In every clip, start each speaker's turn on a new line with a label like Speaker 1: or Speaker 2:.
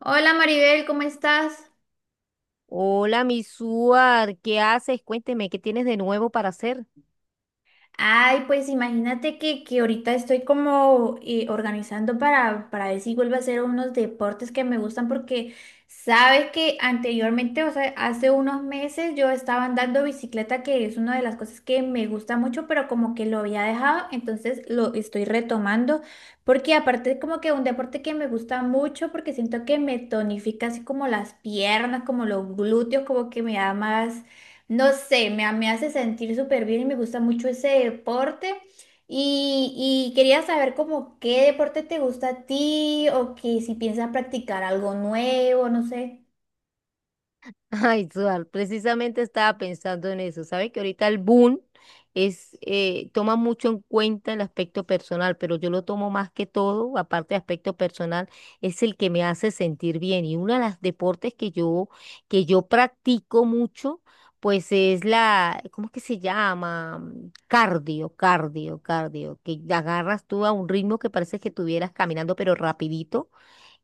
Speaker 1: Hola Maribel, ¿cómo estás?
Speaker 2: Hola, mi Suar, ¿qué haces? Cuénteme, ¿qué tienes de nuevo para hacer?
Speaker 1: Ay, pues imagínate que ahorita estoy como organizando para ver si vuelvo a hacer unos deportes que me gustan porque sabes que anteriormente, o sea, hace unos meses yo estaba andando bicicleta, que es una de las cosas que me gusta mucho, pero como que lo había dejado, entonces lo estoy retomando porque aparte es como que un deporte que me gusta mucho porque siento que me tonifica así como las piernas, como los glúteos, como que me da más. No sé, me hace sentir súper bien y me gusta mucho ese deporte. Y quería saber como qué deporte te gusta a ti o que si piensas practicar algo nuevo, no sé.
Speaker 2: Ay, Suar, precisamente estaba pensando en eso. Sabes que ahorita el boom es, toma mucho en cuenta el aspecto personal, pero yo lo tomo más que todo, aparte de aspecto personal, es el que me hace sentir bien. Y uno de los deportes que yo practico mucho, pues es ¿cómo es que se llama? Cardio, que agarras tú a un ritmo que parece que estuvieras caminando, pero rapidito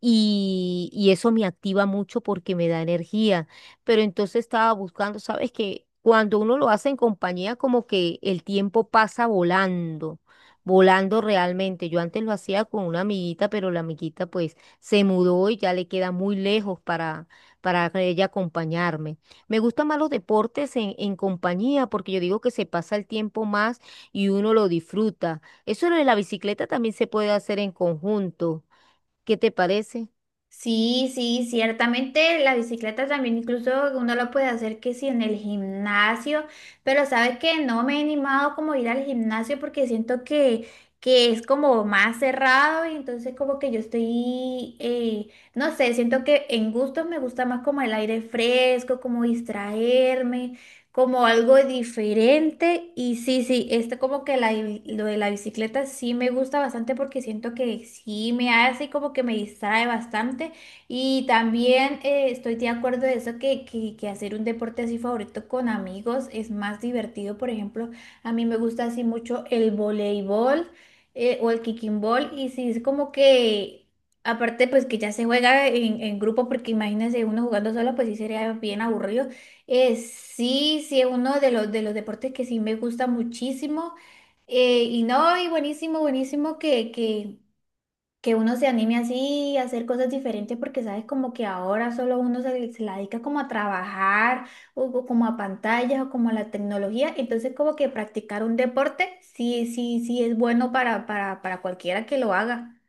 Speaker 2: y eso me activa mucho porque me da energía. Pero entonces estaba buscando, ¿sabes que cuando uno lo hace en compañía, como que el tiempo pasa volando, volando realmente? Yo antes lo hacía con una amiguita, pero la amiguita pues se mudó y ya le queda muy lejos para ella acompañarme. Me gustan más los deportes en compañía porque yo digo que se pasa el tiempo más y uno lo disfruta. Eso de la bicicleta también se puede hacer en conjunto. ¿Qué te parece?
Speaker 1: Sí, sí, ciertamente la bicicleta también incluso uno lo puede hacer que si en el gimnasio, pero sabes que no me he animado como a ir al gimnasio porque siento que es como más cerrado y entonces como que yo estoy, no sé, siento que en gustos me gusta más como el aire fresco, como distraerme como algo diferente. Y sí, sí, este como que lo de la bicicleta sí me gusta bastante porque siento que sí me hace como que me distrae bastante. Y también estoy de acuerdo de eso que hacer un deporte así favorito con amigos es más divertido. Por ejemplo, a mí me gusta así mucho el voleibol, o el kicking ball. Y sí, es como que... Aparte, pues que ya se juega en grupo, porque imagínense uno jugando solo, pues sí sería bien aburrido. Sí, sí, es uno de de los deportes que sí me gusta muchísimo. Y no, y buenísimo, buenísimo que uno se anime así a hacer cosas diferentes porque sabes como que ahora solo uno se la dedica como a trabajar o como a pantallas o como a la tecnología. Entonces como que practicar un deporte sí, sí, sí es bueno para cualquiera que lo haga.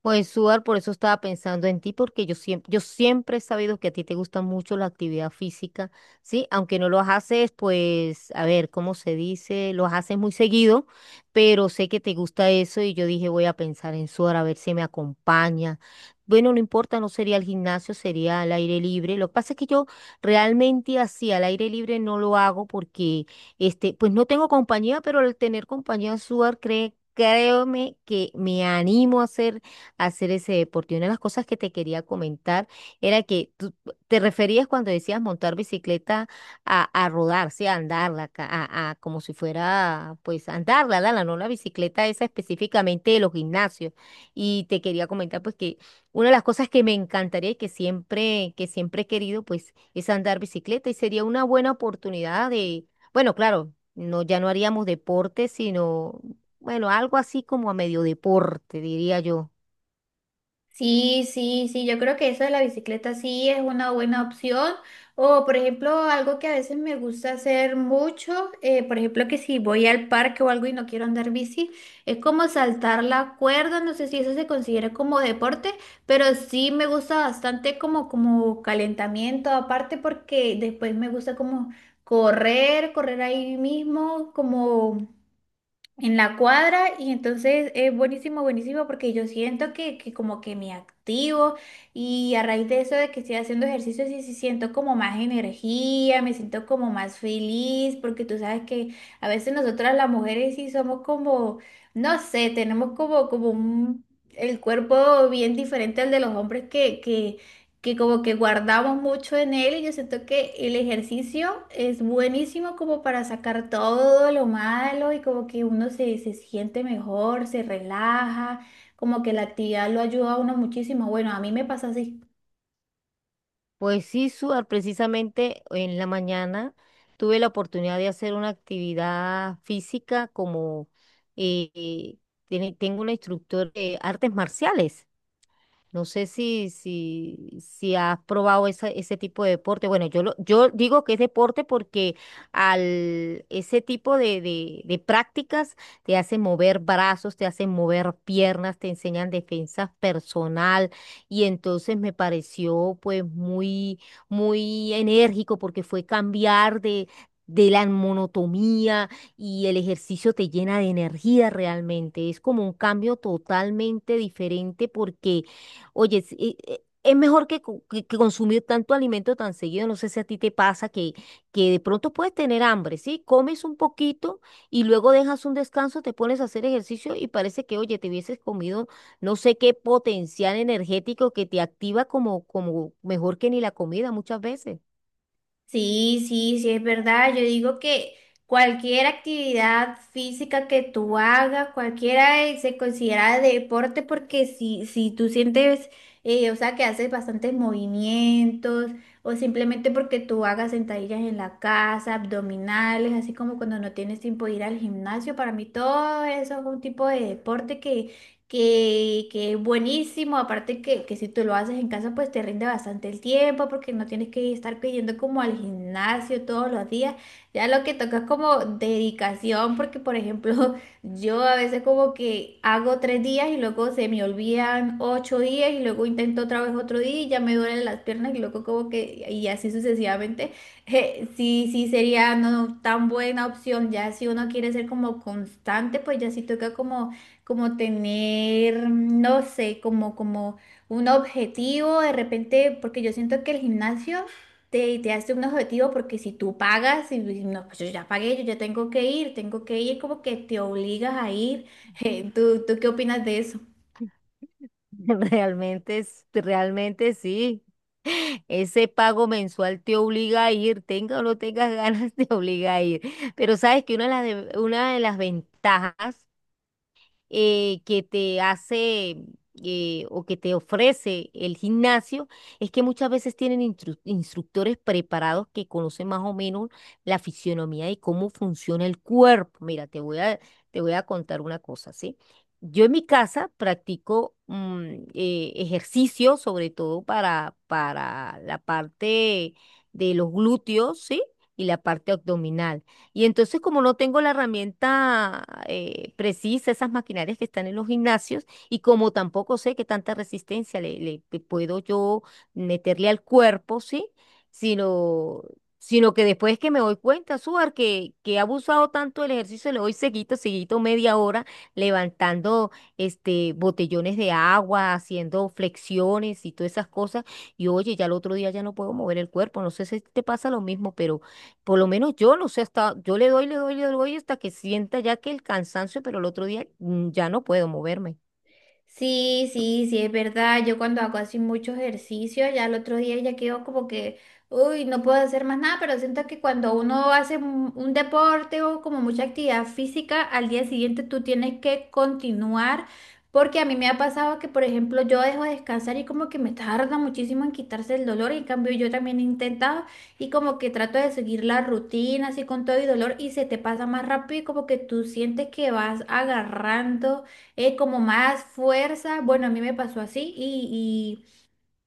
Speaker 2: Pues, Suar, por eso estaba pensando en ti, porque yo siempre he sabido que a ti te gusta mucho la actividad física, ¿sí? Aunque no lo haces, pues, a ver, ¿cómo se dice?, lo haces muy seguido, pero sé que te gusta eso y yo dije, voy a pensar en Suar, a ver si me acompaña. Bueno, no importa, no sería el gimnasio, sería al aire libre. Lo que pasa es que yo realmente así, al aire libre no lo hago porque, este, pues no tengo compañía, pero al tener compañía, Suar, créeme que me animo a hacer ese deporte. Y una de las cosas que te quería comentar era que tú te referías cuando decías montar bicicleta a rodar, sí, a andarla, a como si fuera, pues, andarla, no la bicicleta esa específicamente de los gimnasios. Y te quería comentar, pues, que una de las cosas que me encantaría y que siempre he querido, pues, es andar bicicleta y sería una buena oportunidad de, bueno, claro, no, ya no haríamos deporte, sino, bueno, algo así como a medio deporte, diría yo.
Speaker 1: Sí, sí, sí, yo creo que eso de la bicicleta sí es una buena opción. O, por ejemplo, algo que a veces me gusta hacer mucho, por ejemplo, que si voy al parque o algo y no quiero andar bici, es como saltar la cuerda, no sé si eso se considera como deporte, pero sí me gusta bastante como, como calentamiento, aparte porque después me gusta como correr ahí mismo, como en la cuadra y entonces es buenísimo, buenísimo porque yo siento que como que me activo y a raíz de eso de que estoy haciendo ejercicio sí, sí siento como más energía, me siento como más feliz porque tú sabes que a veces nosotras las mujeres sí somos como, no sé, tenemos como, como un, el cuerpo bien diferente al de los hombres que que como que guardamos mucho en él y yo siento que el ejercicio es buenísimo como para sacar todo lo malo y como que uno se siente mejor, se relaja, como que la actividad lo ayuda a uno muchísimo. Bueno, a mí me pasa así.
Speaker 2: Pues sí, Suar, precisamente en la mañana tuve la oportunidad de hacer una actividad física como eh, tengo una instructora de artes marciales. No sé si has probado ese tipo de deporte. Bueno, yo digo que es deporte porque al ese tipo de prácticas te hacen mover brazos, te hacen mover piernas, te enseñan defensa personal y entonces me pareció pues muy enérgico porque fue cambiar de la monotomía y el ejercicio te llena de energía realmente. Es como un cambio totalmente diferente porque oye, sí, es mejor que, que consumir tanto alimento tan seguido. No sé si a ti te pasa que de pronto puedes tener hambre, ¿sí? Comes un poquito y luego dejas un descanso, te pones a hacer ejercicio y parece que, oye, te hubieses comido no sé qué potencial energético que te activa como, como mejor que ni la comida muchas veces.
Speaker 1: Sí, sí, sí, es verdad. Yo digo que cualquier actividad física que tú hagas, cualquiera se considera deporte porque si tú sientes, o sea, que haces bastantes movimientos o simplemente porque tú hagas sentadillas en la casa, abdominales, así como cuando no tienes tiempo de ir al gimnasio, para mí todo eso es un tipo de deporte que es buenísimo, aparte que si tú lo haces en casa, pues te rinde bastante el tiempo, porque no tienes que estar pidiendo como al gimnasio todos los días, ya lo que toca es como dedicación, porque por ejemplo, yo a veces como que hago tres días y luego se me olvidan ocho días y luego intento otra vez otro día y ya me duelen las piernas y luego como que, y así sucesivamente, sí, sí sería no no, tan buena opción, ya si uno quiere ser como constante, pues ya sí toca como como tener, mm, no sé, como, como un objetivo de repente, porque yo siento que el gimnasio te hace un objetivo porque si tú pagas y no, pues yo ya pagué, yo ya tengo que ir, como que te obligas a ir. ¿Tú qué opinas de eso?
Speaker 2: Realmente, realmente sí. Ese pago mensual te obliga a ir, tenga o no tengas ganas, te obliga a ir. Pero sabes que una de una de las ventajas que te hace o que te ofrece el gimnasio es que muchas veces tienen instructores preparados que conocen más o menos la fisionomía y cómo funciona el cuerpo. Mira, te voy a contar una cosa, ¿sí? Yo en mi casa practico ejercicio, sobre todo para la parte de los glúteos, ¿sí? Y la parte abdominal. Y entonces, como no tengo la herramienta precisa, esas maquinarias que están en los gimnasios, y como tampoco sé qué tanta resistencia le puedo yo meterle al cuerpo, ¿sí? Sino, sino que después que me doy cuenta, Suar, que he abusado tanto del ejercicio, le doy seguito media hora, levantando este, botellones de agua, haciendo flexiones y todas esas cosas. Y oye, ya el otro día ya no puedo mover el cuerpo. No sé si te pasa lo mismo, pero por lo menos yo no sé hasta, yo le doy, le doy, le doy hasta que sienta ya que el cansancio, pero el otro día ya no puedo moverme.
Speaker 1: Sí, sí, sí, es verdad. Yo cuando hago así mucho ejercicio, ya el otro día ya quedo como que, uy, no puedo hacer más nada, pero siento que cuando uno hace un deporte o como mucha actividad física, al día siguiente tú tienes que continuar, porque a mí me ha pasado que, por ejemplo, yo dejo de descansar y como que me tarda muchísimo en quitarse el dolor, y en cambio yo también he intentado y como que trato de seguir la rutina así con todo y dolor y se te pasa más rápido y como que tú sientes que vas agarrando como más fuerza. Bueno, a mí me pasó así. Y,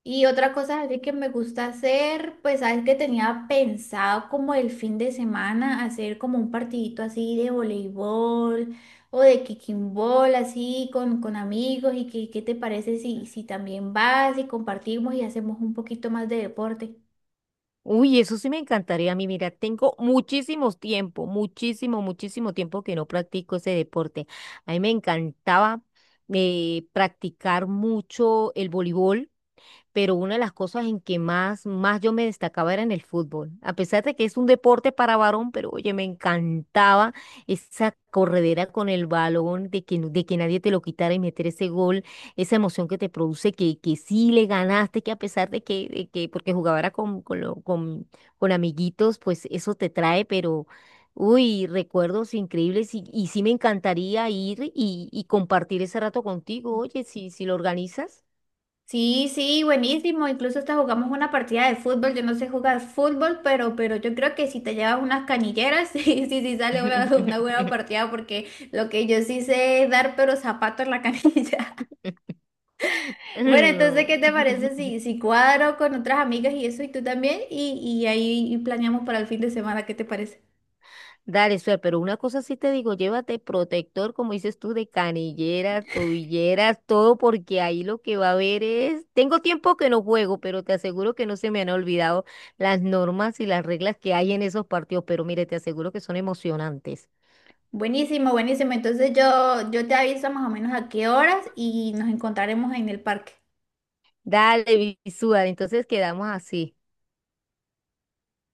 Speaker 1: y, Y otra cosa así que me gusta hacer, pues sabes que tenía pensado como el fin de semana hacer como un partidito así de voleibol o de kicking ball así con amigos. ¿Y qué te parece si también vas y compartimos y hacemos un poquito más de deporte?
Speaker 2: Uy, eso sí me encantaría a mí. Mira, tengo muchísimo tiempo, muchísimo tiempo que no practico ese deporte. A mí me encantaba practicar mucho el voleibol. Pero una de las cosas en que más yo me destacaba era en el fútbol. A pesar de que es un deporte para varón, pero oye, me encantaba esa corredera con el balón, de que nadie te lo quitara y meter ese gol, esa emoción que te produce, que sí le ganaste, que a pesar de que porque jugaba era con amiguitos, pues eso te trae, pero... Uy, recuerdos increíbles y sí me encantaría ir y compartir ese rato contigo. Oye, si, si lo organizas.
Speaker 1: Sí, sí, buenísimo. Incluso hasta jugamos una partida de fútbol. Yo no sé jugar fútbol, pero yo creo que si te llevas unas canilleras, sí, sí, sí sale una buena partida, porque lo que yo sí sé es dar, pero zapato en la canilla. Bueno, entonces,
Speaker 2: No.
Speaker 1: ¿qué te parece si cuadro con otras amigas y eso, y tú también? Y ahí planeamos para el fin de semana, ¿qué te parece?
Speaker 2: Dale, suerte, pero una cosa sí te digo, llévate protector, como dices tú, de canilleras, tobilleras, todo, porque ahí lo que va a haber es... Tengo tiempo que no juego, pero te aseguro que no se me han olvidado las normas y las reglas que hay en esos partidos, pero mire, te aseguro que son emocionantes.
Speaker 1: Buenísimo, buenísimo. Entonces yo te aviso más o menos a qué horas y nos encontraremos en el parque.
Speaker 2: Dale, visual, entonces quedamos así.